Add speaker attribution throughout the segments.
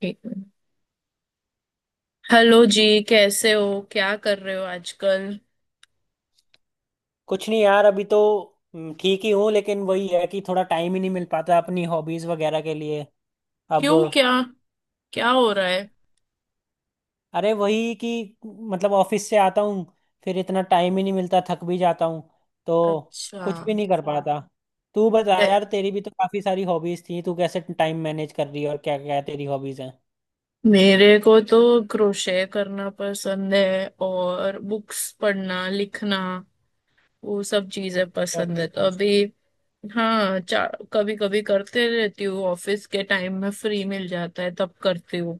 Speaker 1: ठीक है। हेलो जी, कैसे हो? क्या कर रहे हो आजकल?
Speaker 2: कुछ नहीं यार, अभी तो ठीक ही हूँ लेकिन वही है कि थोड़ा टाइम ही नहीं मिल पाता अपनी हॉबीज वगैरह के लिए। अब।
Speaker 1: क्यों? क्या? क्या हो रहा है?
Speaker 2: अरे वही कि मतलब ऑफिस से आता हूँ, फिर इतना टाइम ही नहीं मिलता, थक भी जाता हूँ, तो
Speaker 1: अच्छा।
Speaker 2: कुछ भी नहीं कर पाता। तू बता
Speaker 1: ए-
Speaker 2: यार, तेरी भी तो काफी सारी हॉबीज थी, तू कैसे टाइम मैनेज कर रही है और क्या क्या तेरी हॉबीज हैं?
Speaker 1: मेरे को तो क्रोशे करना पसंद है, और बुक्स पढ़ना, लिखना वो सब चीजें पसंद है। तो
Speaker 2: अच्छा।
Speaker 1: अभी हाँ कभी कभी करते रहती हूँ। ऑफिस के टाइम में फ्री मिल जाता है तब करती हूँ,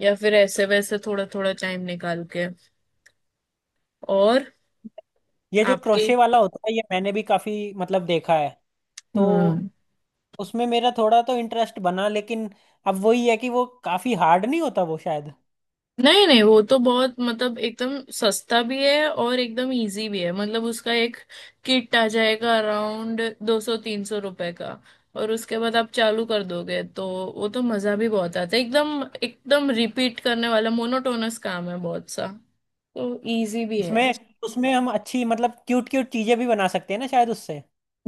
Speaker 1: या फिर ऐसे वैसे थोड़ा थोड़ा टाइम निकाल के। और
Speaker 2: ये जो
Speaker 1: आपकी?
Speaker 2: क्रोशे वाला होता है ये मैंने भी काफी मतलब देखा है, तो
Speaker 1: हम्म।
Speaker 2: उसमें मेरा थोड़ा तो इंटरेस्ट बना, लेकिन अब वही है कि वो काफी हार्ड नहीं होता वो शायद।
Speaker 1: नहीं नहीं, वो तो बहुत मतलब एकदम सस्ता भी है और एकदम इजी भी है। मतलब उसका एक किट आ जाएगा अराउंड 200-300 रुपए का। और उसके बाद आप चालू कर दोगे तो वो तो मजा भी बहुत आता है। एकदम एकदम रिपीट करने वाला मोनोटोनस काम है बहुत सा, तो इजी भी है।
Speaker 2: उसमें उसमें हम अच्छी मतलब क्यूट क्यूट चीजें भी बना सकते हैं ना शायद उससे।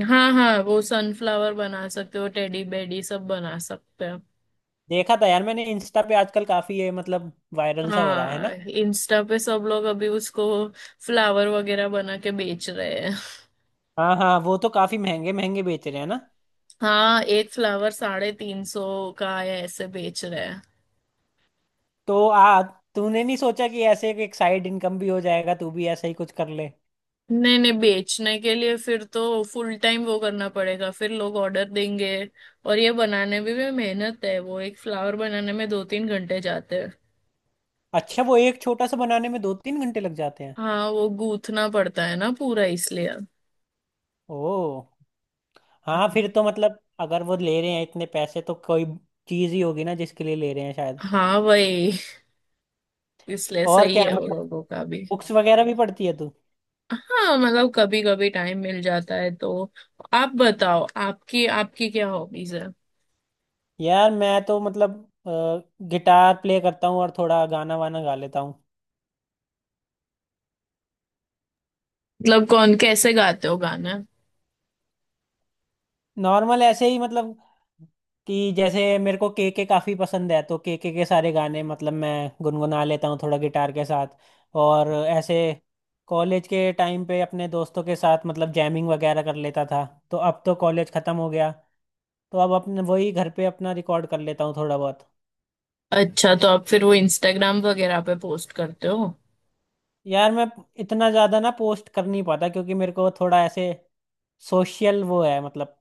Speaker 1: हाँ हाँ, वो सनफ्लावर बना सकते हो, टेडी बेडी सब बना सकते हो।
Speaker 2: देखा था यार, मैंने इंस्टा पे आजकल काफी ये मतलब वायरल सा हो रहा है
Speaker 1: हाँ,
Speaker 2: ना।
Speaker 1: इंस्टा पे सब लोग अभी उसको फ्लावर वगैरह बना के बेच रहे।
Speaker 2: हाँ हाँ, वो तो काफी महंगे महंगे बेच रहे हैं ना।
Speaker 1: हाँ, एक फ्लावर 350 का है, ऐसे बेच रहे हैं।
Speaker 2: तो आ तूने नहीं सोचा कि ऐसे एक साइड इनकम भी हो जाएगा, तू भी ऐसा ही कुछ कर ले?
Speaker 1: नहीं नहीं, बेचने के लिए फिर तो फुल टाइम वो करना पड़ेगा, फिर लोग ऑर्डर देंगे। और ये बनाने में भी मेहनत है, वो एक फ्लावर बनाने में 2-3 घंटे जाते हैं।
Speaker 2: अच्छा, वो एक छोटा सा बनाने में 2 3 घंटे लग जाते हैं?
Speaker 1: हाँ, वो गूंथना पड़ता है ना पूरा, इसलिए।
Speaker 2: ओ, हाँ
Speaker 1: हाँ
Speaker 2: फिर तो मतलब अगर वो ले रहे हैं इतने पैसे तो कोई चीज ही होगी ना जिसके लिए ले रहे हैं, शायद।
Speaker 1: हाँ वही, इसलिए
Speaker 2: और
Speaker 1: सही
Speaker 2: क्या
Speaker 1: है वो
Speaker 2: मतलब,
Speaker 1: लोगों का भी।
Speaker 2: बुक्स वगैरह भी पढ़ती है तू?
Speaker 1: हाँ, मतलब कभी कभी टाइम मिल जाता है तो। आप बताओ, आपकी आपकी क्या हॉबीज है?
Speaker 2: यार मैं तो मतलब गिटार प्ले करता हूँ और थोड़ा गाना वाना गा लेता हूँ।
Speaker 1: मतलब कौन कैसे गाते हो गाना?
Speaker 2: नॉर्मल ऐसे ही मतलब, कि जैसे मेरे को के काफ़ी पसंद है तो के सारे गाने मतलब मैं गुनगुना लेता हूँ थोड़ा गिटार के साथ। और ऐसे कॉलेज के टाइम पे अपने दोस्तों के साथ मतलब जैमिंग वगैरह कर लेता था, तो अब तो कॉलेज ख़त्म हो गया, तो अब अपने वही घर पे अपना रिकॉर्ड कर लेता हूँ थोड़ा बहुत।
Speaker 1: अच्छा, तो आप फिर वो इंस्टाग्राम वगैरह पे पोस्ट करते हो?
Speaker 2: यार मैं इतना ज्यादा ना पोस्ट कर नहीं पाता, क्योंकि मेरे को थोड़ा ऐसे सोशल वो है मतलब,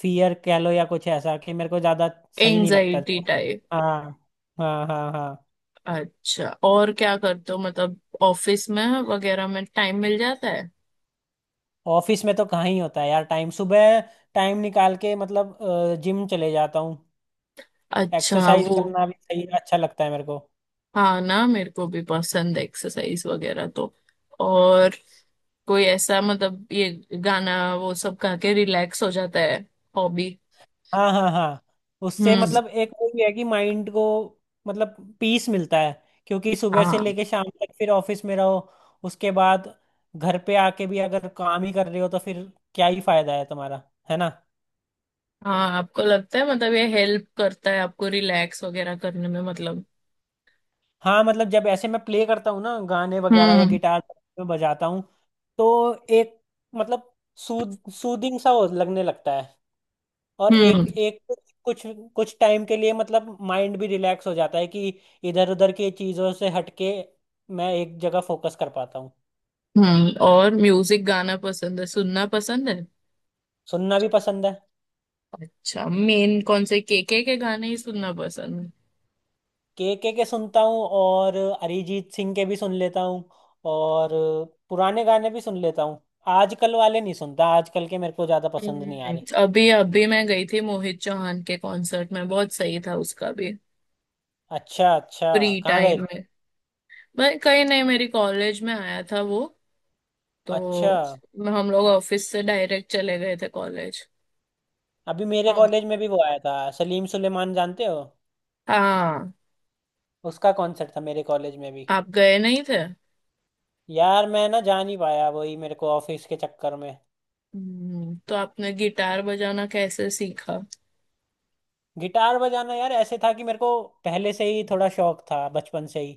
Speaker 2: फियर कह लो या कुछ ऐसा, कि मेरे को ज्यादा सही नहीं लगता।
Speaker 1: Anxiety type.
Speaker 2: हाँ, हाँ हाँ हाँ।
Speaker 1: अच्छा, और क्या करते हो? मतलब ऑफिस में वगैरह में टाइम मिल जाता है?
Speaker 2: ऑफिस में तो कहाँ ही होता है यार टाइम, सुबह टाइम निकाल के मतलब जिम चले जाता हूँ,
Speaker 1: अच्छा
Speaker 2: एक्सरसाइज
Speaker 1: वो।
Speaker 2: करना भी सही अच्छा लगता है मेरे को।
Speaker 1: हाँ ना, मेरे को भी पसंद है एक्सरसाइज वगैरह। तो और कोई ऐसा मतलब ये गाना वो सब गा के रिलैक्स हो जाता है? हॉबी?
Speaker 2: हाँ हाँ हाँ। उससे
Speaker 1: हम्म।
Speaker 2: मतलब एक वो भी है कि माइंड को मतलब पीस मिलता है, क्योंकि सुबह से
Speaker 1: हाँ
Speaker 2: लेके शाम तक फिर ऑफिस में रहो, उसके बाद घर पे आके भी अगर काम ही कर रहे हो तो फिर क्या ही फायदा है तुम्हारा, है ना?
Speaker 1: हाँ, आपको लगता है मतलब ये हेल्प करता है आपको रिलैक्स वगैरह करने में, मतलब?
Speaker 2: हाँ मतलब जब ऐसे मैं प्ले करता हूँ ना गाने वगैरह या
Speaker 1: हम्म।
Speaker 2: गिटार में बजाता हूँ, तो एक मतलब सूद सूदिंग सा हो- लगने लगता है, और
Speaker 1: हम्म।
Speaker 2: एक एक कुछ कुछ टाइम के लिए मतलब माइंड भी रिलैक्स हो जाता है कि इधर उधर की चीजों से हटके मैं एक जगह फोकस कर पाता हूँ।
Speaker 1: हम्म। और म्यूजिक, गाना पसंद है? सुनना पसंद है?
Speaker 2: सुनना भी पसंद है।
Speaker 1: अच्छा, मेन कौन से केके के गाने ही सुनना पसंद है?
Speaker 2: के सुनता हूँ, और अरिजीत सिंह के भी सुन लेता हूँ, और पुराने गाने भी सुन लेता हूँ, आजकल वाले नहीं सुनता, आजकल के मेरे को ज्यादा पसंद नहीं आ रहे।
Speaker 1: अभी अभी मैं गई थी मोहित चौहान के कॉन्सर्ट में, बहुत सही था उसका भी।
Speaker 2: अच्छा अच्छा,
Speaker 1: फ्री
Speaker 2: कहाँ गए
Speaker 1: टाइम
Speaker 2: थे?
Speaker 1: में मैं कहीं नहीं, मेरी कॉलेज में आया था वो।
Speaker 2: अच्छा,
Speaker 1: तो हम लोग ऑफिस से डायरेक्ट चले गए थे कॉलेज।
Speaker 2: अभी मेरे
Speaker 1: हम।
Speaker 2: कॉलेज में भी वो आया था, सलीम सुलेमान जानते हो,
Speaker 1: हाँ।
Speaker 2: उसका कॉन्सर्ट था मेरे कॉलेज में भी।
Speaker 1: आप गए नहीं थे?
Speaker 2: यार मैं ना जा नहीं पाया, वही मेरे को ऑफिस के चक्कर में।
Speaker 1: तो आपने गिटार बजाना कैसे सीखा?
Speaker 2: गिटार बजाना यार ऐसे था कि मेरे को पहले से ही थोड़ा शौक था बचपन से ही,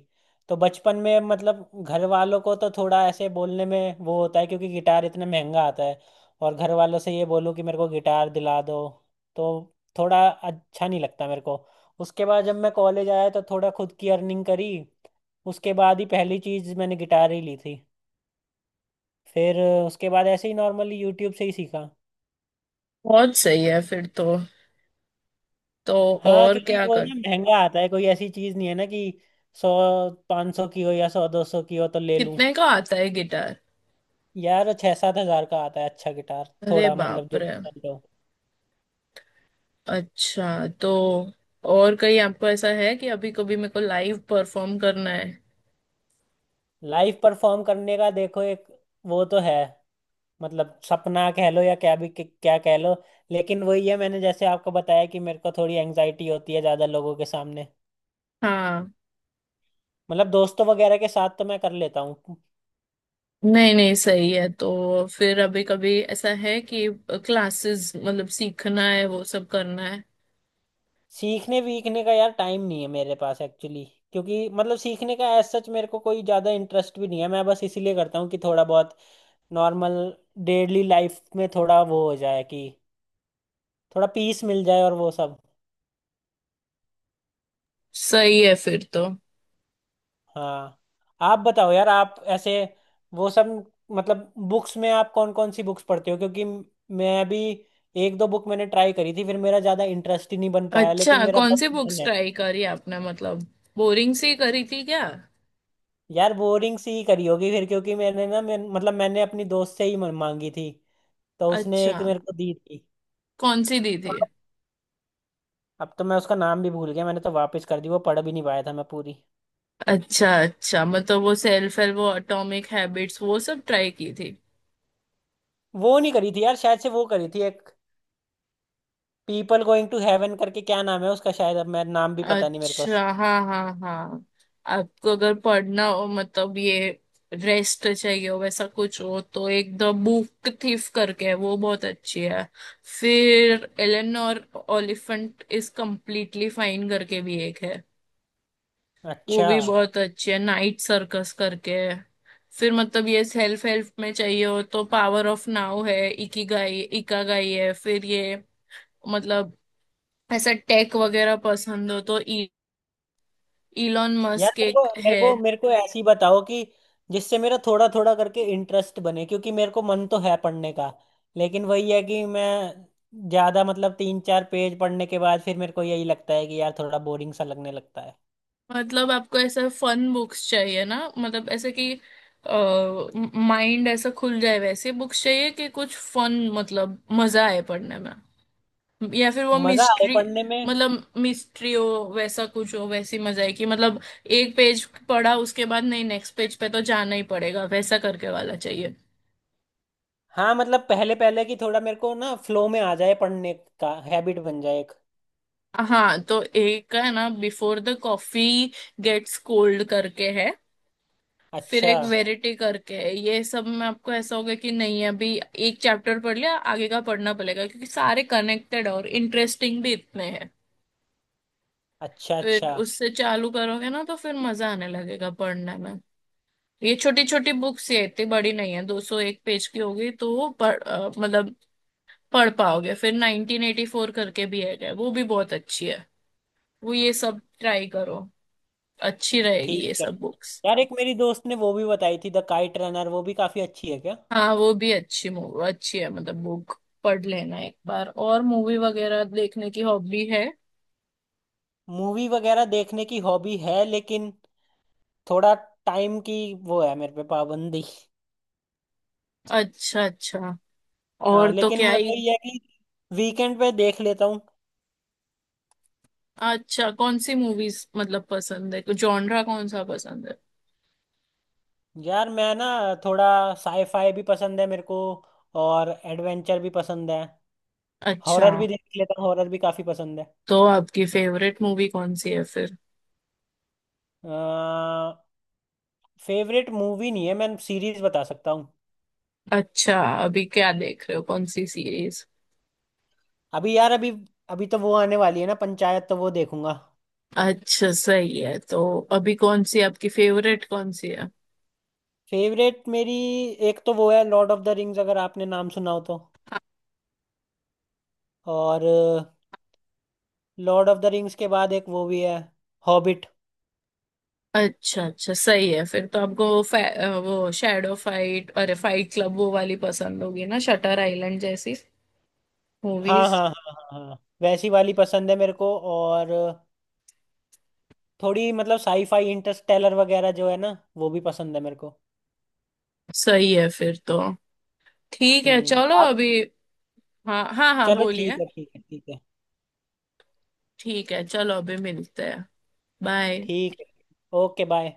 Speaker 2: तो बचपन में मतलब घर वालों को तो थोड़ा ऐसे बोलने में वो होता है, क्योंकि गिटार इतना महंगा आता है, और घर वालों से ये बोलूँ कि मेरे को गिटार दिला दो, तो थोड़ा अच्छा नहीं लगता मेरे को। उसके बाद जब मैं कॉलेज आया तो थोड़ा खुद की अर्निंग करी, उसके बाद ही पहली चीज़ मैंने गिटार ही ली थी। फिर उसके बाद ऐसे ही नॉर्मली यूट्यूब से ही सीखा।
Speaker 1: बहुत सही है फिर तो। तो
Speaker 2: हाँ,
Speaker 1: और
Speaker 2: क्योंकि
Speaker 1: क्या
Speaker 2: वो
Speaker 1: कर।
Speaker 2: ना महंगा आता है, कोई ऐसी चीज नहीं है ना कि 100 500 की हो या 100 200 की हो तो ले लूं।
Speaker 1: कितने का आता है गिटार?
Speaker 2: यार 6 7 हजार का आता है अच्छा गिटार,
Speaker 1: अरे
Speaker 2: थोड़ा मतलब
Speaker 1: बाप
Speaker 2: जो
Speaker 1: रे।
Speaker 2: decent हो।
Speaker 1: अच्छा, तो और कहीं आपको ऐसा है कि अभी कभी मेरे को लाइव परफॉर्म करना है?
Speaker 2: लाइव परफॉर्म करने का देखो एक वो तो है, मतलब सपना कह लो या क्या कह लो, लेकिन वही है, मैंने जैसे आपको बताया कि मेरे को थोड़ी एंग्जाइटी होती है ज्यादा लोगों के सामने,
Speaker 1: हाँ।
Speaker 2: मतलब दोस्तों वगैरह के साथ तो मैं कर लेता हूँ।
Speaker 1: नहीं नहीं, सही है। तो फिर अभी कभी ऐसा है कि क्लासेस, मतलब सीखना है, वो सब करना है?
Speaker 2: सीखने वीखने का यार टाइम नहीं है मेरे पास एक्चुअली, क्योंकि मतलब सीखने का एज सच मेरे को कोई ज़्यादा इंटरेस्ट भी नहीं है, मैं बस इसीलिए करता हूँ कि थोड़ा बहुत नॉर्मल डेली लाइफ में थोड़ा वो हो जाए कि थोड़ा पीस मिल जाए और वो सब।
Speaker 1: सही है फिर तो।
Speaker 2: हाँ। आप बताओ यार, आप ऐसे वो सब मतलब बुक्स में आप कौन कौन सी बुक्स पढ़ते हो, क्योंकि मैं भी एक दो बुक मैंने ट्राई करी थी, फिर मेरा ज़्यादा इंटरेस्ट ही नहीं बन पाया,
Speaker 1: अच्छा,
Speaker 2: लेकिन मेरा
Speaker 1: कौन
Speaker 2: बहुत
Speaker 1: सी
Speaker 2: मन
Speaker 1: बुक्स
Speaker 2: है।
Speaker 1: ट्राई करी आपने? मतलब बोरिंग सी करी थी क्या?
Speaker 2: यार बोरिंग सी ही करी होगी फिर, क्योंकि मैंने ना मतलब मैंने अपनी दोस्त से ही मांगी थी, तो उसने
Speaker 1: अच्छा,
Speaker 2: एक मेरे को दी थी।
Speaker 1: कौन सी दी
Speaker 2: तो
Speaker 1: थी?
Speaker 2: अब तो मैं उसका नाम भी भूल गया, मैंने तो वापस कर दी, वो पढ़ भी नहीं पाया था मैं पूरी।
Speaker 1: अच्छा अच्छा, मतलब वो सेल्फ हेल्प, वो एटॉमिक हैबिट्स, वो सब ट्राई की थी?
Speaker 2: वो नहीं करी थी यार, शायद से वो करी थी एक पीपल गोइंग टू हेवन करके, क्या नाम है उसका, शायद अब मैं नाम भी पता नहीं मेरे को।
Speaker 1: अच्छा हाँ हाँ हाँ। आपको अगर पढ़ना हो, मतलब ये रेस्ट चाहिए हो वैसा कुछ हो, तो एक द बुक थीफ करके है, वो बहुत अच्छी है। फिर एलन और ओलिफेंट इज कम्प्लीटली फाइन करके भी एक है, वो
Speaker 2: अच्छा।
Speaker 1: भी बहुत अच्छी है। नाइट सर्कस करके है। फिर मतलब ये सेल्फ हेल्प में चाहिए हो तो पावर ऑफ नाउ है, इकिगाई, इकागाई है। फिर ये मतलब ऐसा टेक वगैरह पसंद हो तो इलॉन
Speaker 2: यार
Speaker 1: मस्क
Speaker 2: मेरे को
Speaker 1: एक
Speaker 2: मेरे
Speaker 1: है।
Speaker 2: को मेरे को ऐसी बताओ कि जिससे मेरा थोड़ा थोड़ा करके इंटरेस्ट बने, क्योंकि मेरे को मन तो है पढ़ने का, लेकिन वही है कि मैं ज्यादा मतलब 3 4 पेज पढ़ने के बाद फिर मेरे को यही लगता है कि यार थोड़ा बोरिंग सा लगने लगता है।
Speaker 1: मतलब आपको ऐसा फन बुक्स चाहिए ना, मतलब ऐसे कि माइंड ऐसा खुल जाए, वैसे बुक्स चाहिए कि कुछ फन, मतलब मजा आए पढ़ने में। या फिर वो
Speaker 2: मजा आए
Speaker 1: मिस्ट्री,
Speaker 2: पढ़ने में।
Speaker 1: मतलब मिस्ट्री हो वैसा कुछ हो, वैसी मजा आए कि मतलब एक पेज पढ़ा उसके बाद नहीं, नेक्स्ट पेज पे तो जाना ही पड़ेगा, वैसा करके वाला चाहिए।
Speaker 2: हाँ मतलब पहले पहले की थोड़ा मेरे को ना फ्लो में आ जाए, पढ़ने का हैबिट बन जाए एक।
Speaker 1: हाँ, तो एक है ना before the coffee gets cold करके है। फिर
Speaker 2: अच्छा
Speaker 1: एक वेरिटी करके है। ये सब में आपको ऐसा होगा कि नहीं, अभी एक चैप्टर पढ़ लिया, आगे का पढ़ना पड़ेगा, क्योंकि सारे कनेक्टेड और इंटरेस्टिंग भी इतने हैं।
Speaker 2: अच्छा
Speaker 1: फिर
Speaker 2: अच्छा।
Speaker 1: उससे चालू करोगे ना, तो फिर मजा आने लगेगा पढ़ने में। ये छोटी छोटी बुक्स ये इतनी बड़ी नहीं है, दो सौ एक पेज की होगी, तो वो मतलब पढ़ पाओगे। फिर 1984 करके भी है, वो भी बहुत अच्छी है। वो ये सब ट्राई करो, अच्छी रहेगी
Speaker 2: ठीक
Speaker 1: ये
Speaker 2: है।
Speaker 1: सब बुक्स।
Speaker 2: यार एक मेरी दोस्त ने वो भी बताई थी द काइट रनर, वो भी काफी अच्छी है क्या?
Speaker 1: हाँ, वो भी अच्छी, मूवी अच्छी है, मतलब बुक पढ़ लेना एक बार। और मूवी वगैरह देखने की हॉबी है?
Speaker 2: मूवी वगैरह देखने की हॉबी है, लेकिन थोड़ा टाइम की वो है मेरे पे पाबंदी।
Speaker 1: अच्छा अच्छा।
Speaker 2: हाँ,
Speaker 1: और तो
Speaker 2: लेकिन
Speaker 1: क्या
Speaker 2: मैं
Speaker 1: ही।
Speaker 2: वही है कि वीकेंड पे देख लेता हूँ।
Speaker 1: अच्छा, कौन सी मूवीज मतलब पसंद है? जॉनरा कौन सा पसंद है?
Speaker 2: यार मैं ना थोड़ा साईफाई भी पसंद है मेरे को, और एडवेंचर भी पसंद है,
Speaker 1: अच्छा।
Speaker 2: हॉरर भी देख लेता हूँ, हॉरर भी काफ़ी पसंद है।
Speaker 1: तो आपकी फेवरेट मूवी कौन सी है फिर?
Speaker 2: फेवरेट मूवी नहीं है, मैं सीरीज बता सकता हूँ।
Speaker 1: अच्छा, अभी क्या देख रहे हो? कौन सी सीरीज?
Speaker 2: अभी यार अभी अभी तो वो आने वाली है ना पंचायत, तो वो देखूंगा।
Speaker 1: अच्छा सही है तो। अभी कौन सी आपकी फेवरेट कौन सी है?
Speaker 2: फेवरेट मेरी एक तो वो है लॉर्ड ऑफ द रिंग्स, अगर आपने नाम सुना हो तो, और लॉर्ड ऑफ द रिंग्स के बाद एक वो भी है, हॉबिट।
Speaker 1: अच्छा अच्छा, सही है फिर तो। आपको वो शैडो फाइट, अरे फाइट क्लब वो वाली पसंद होगी ना, शटर आइलैंड जैसी
Speaker 2: हाँ
Speaker 1: मूवीज?
Speaker 2: हाँ हाँ हाँ हाँ हाँ। वैसी वाली पसंद है मेरे को, और थोड़ी मतलब साईफाई इंटरस्टेलर वगैरह जो है ना, वो भी पसंद है मेरे को।
Speaker 1: सही है फिर तो। ठीक है, चलो
Speaker 2: आप।
Speaker 1: अभी। हाँ हाँ हाँ,
Speaker 2: चलो
Speaker 1: बोलिए।
Speaker 2: ठीक है ठीक है ठीक है।
Speaker 1: ठीक है, चलो अभी मिलते हैं। बाय।
Speaker 2: ठीक है। Okay, bye.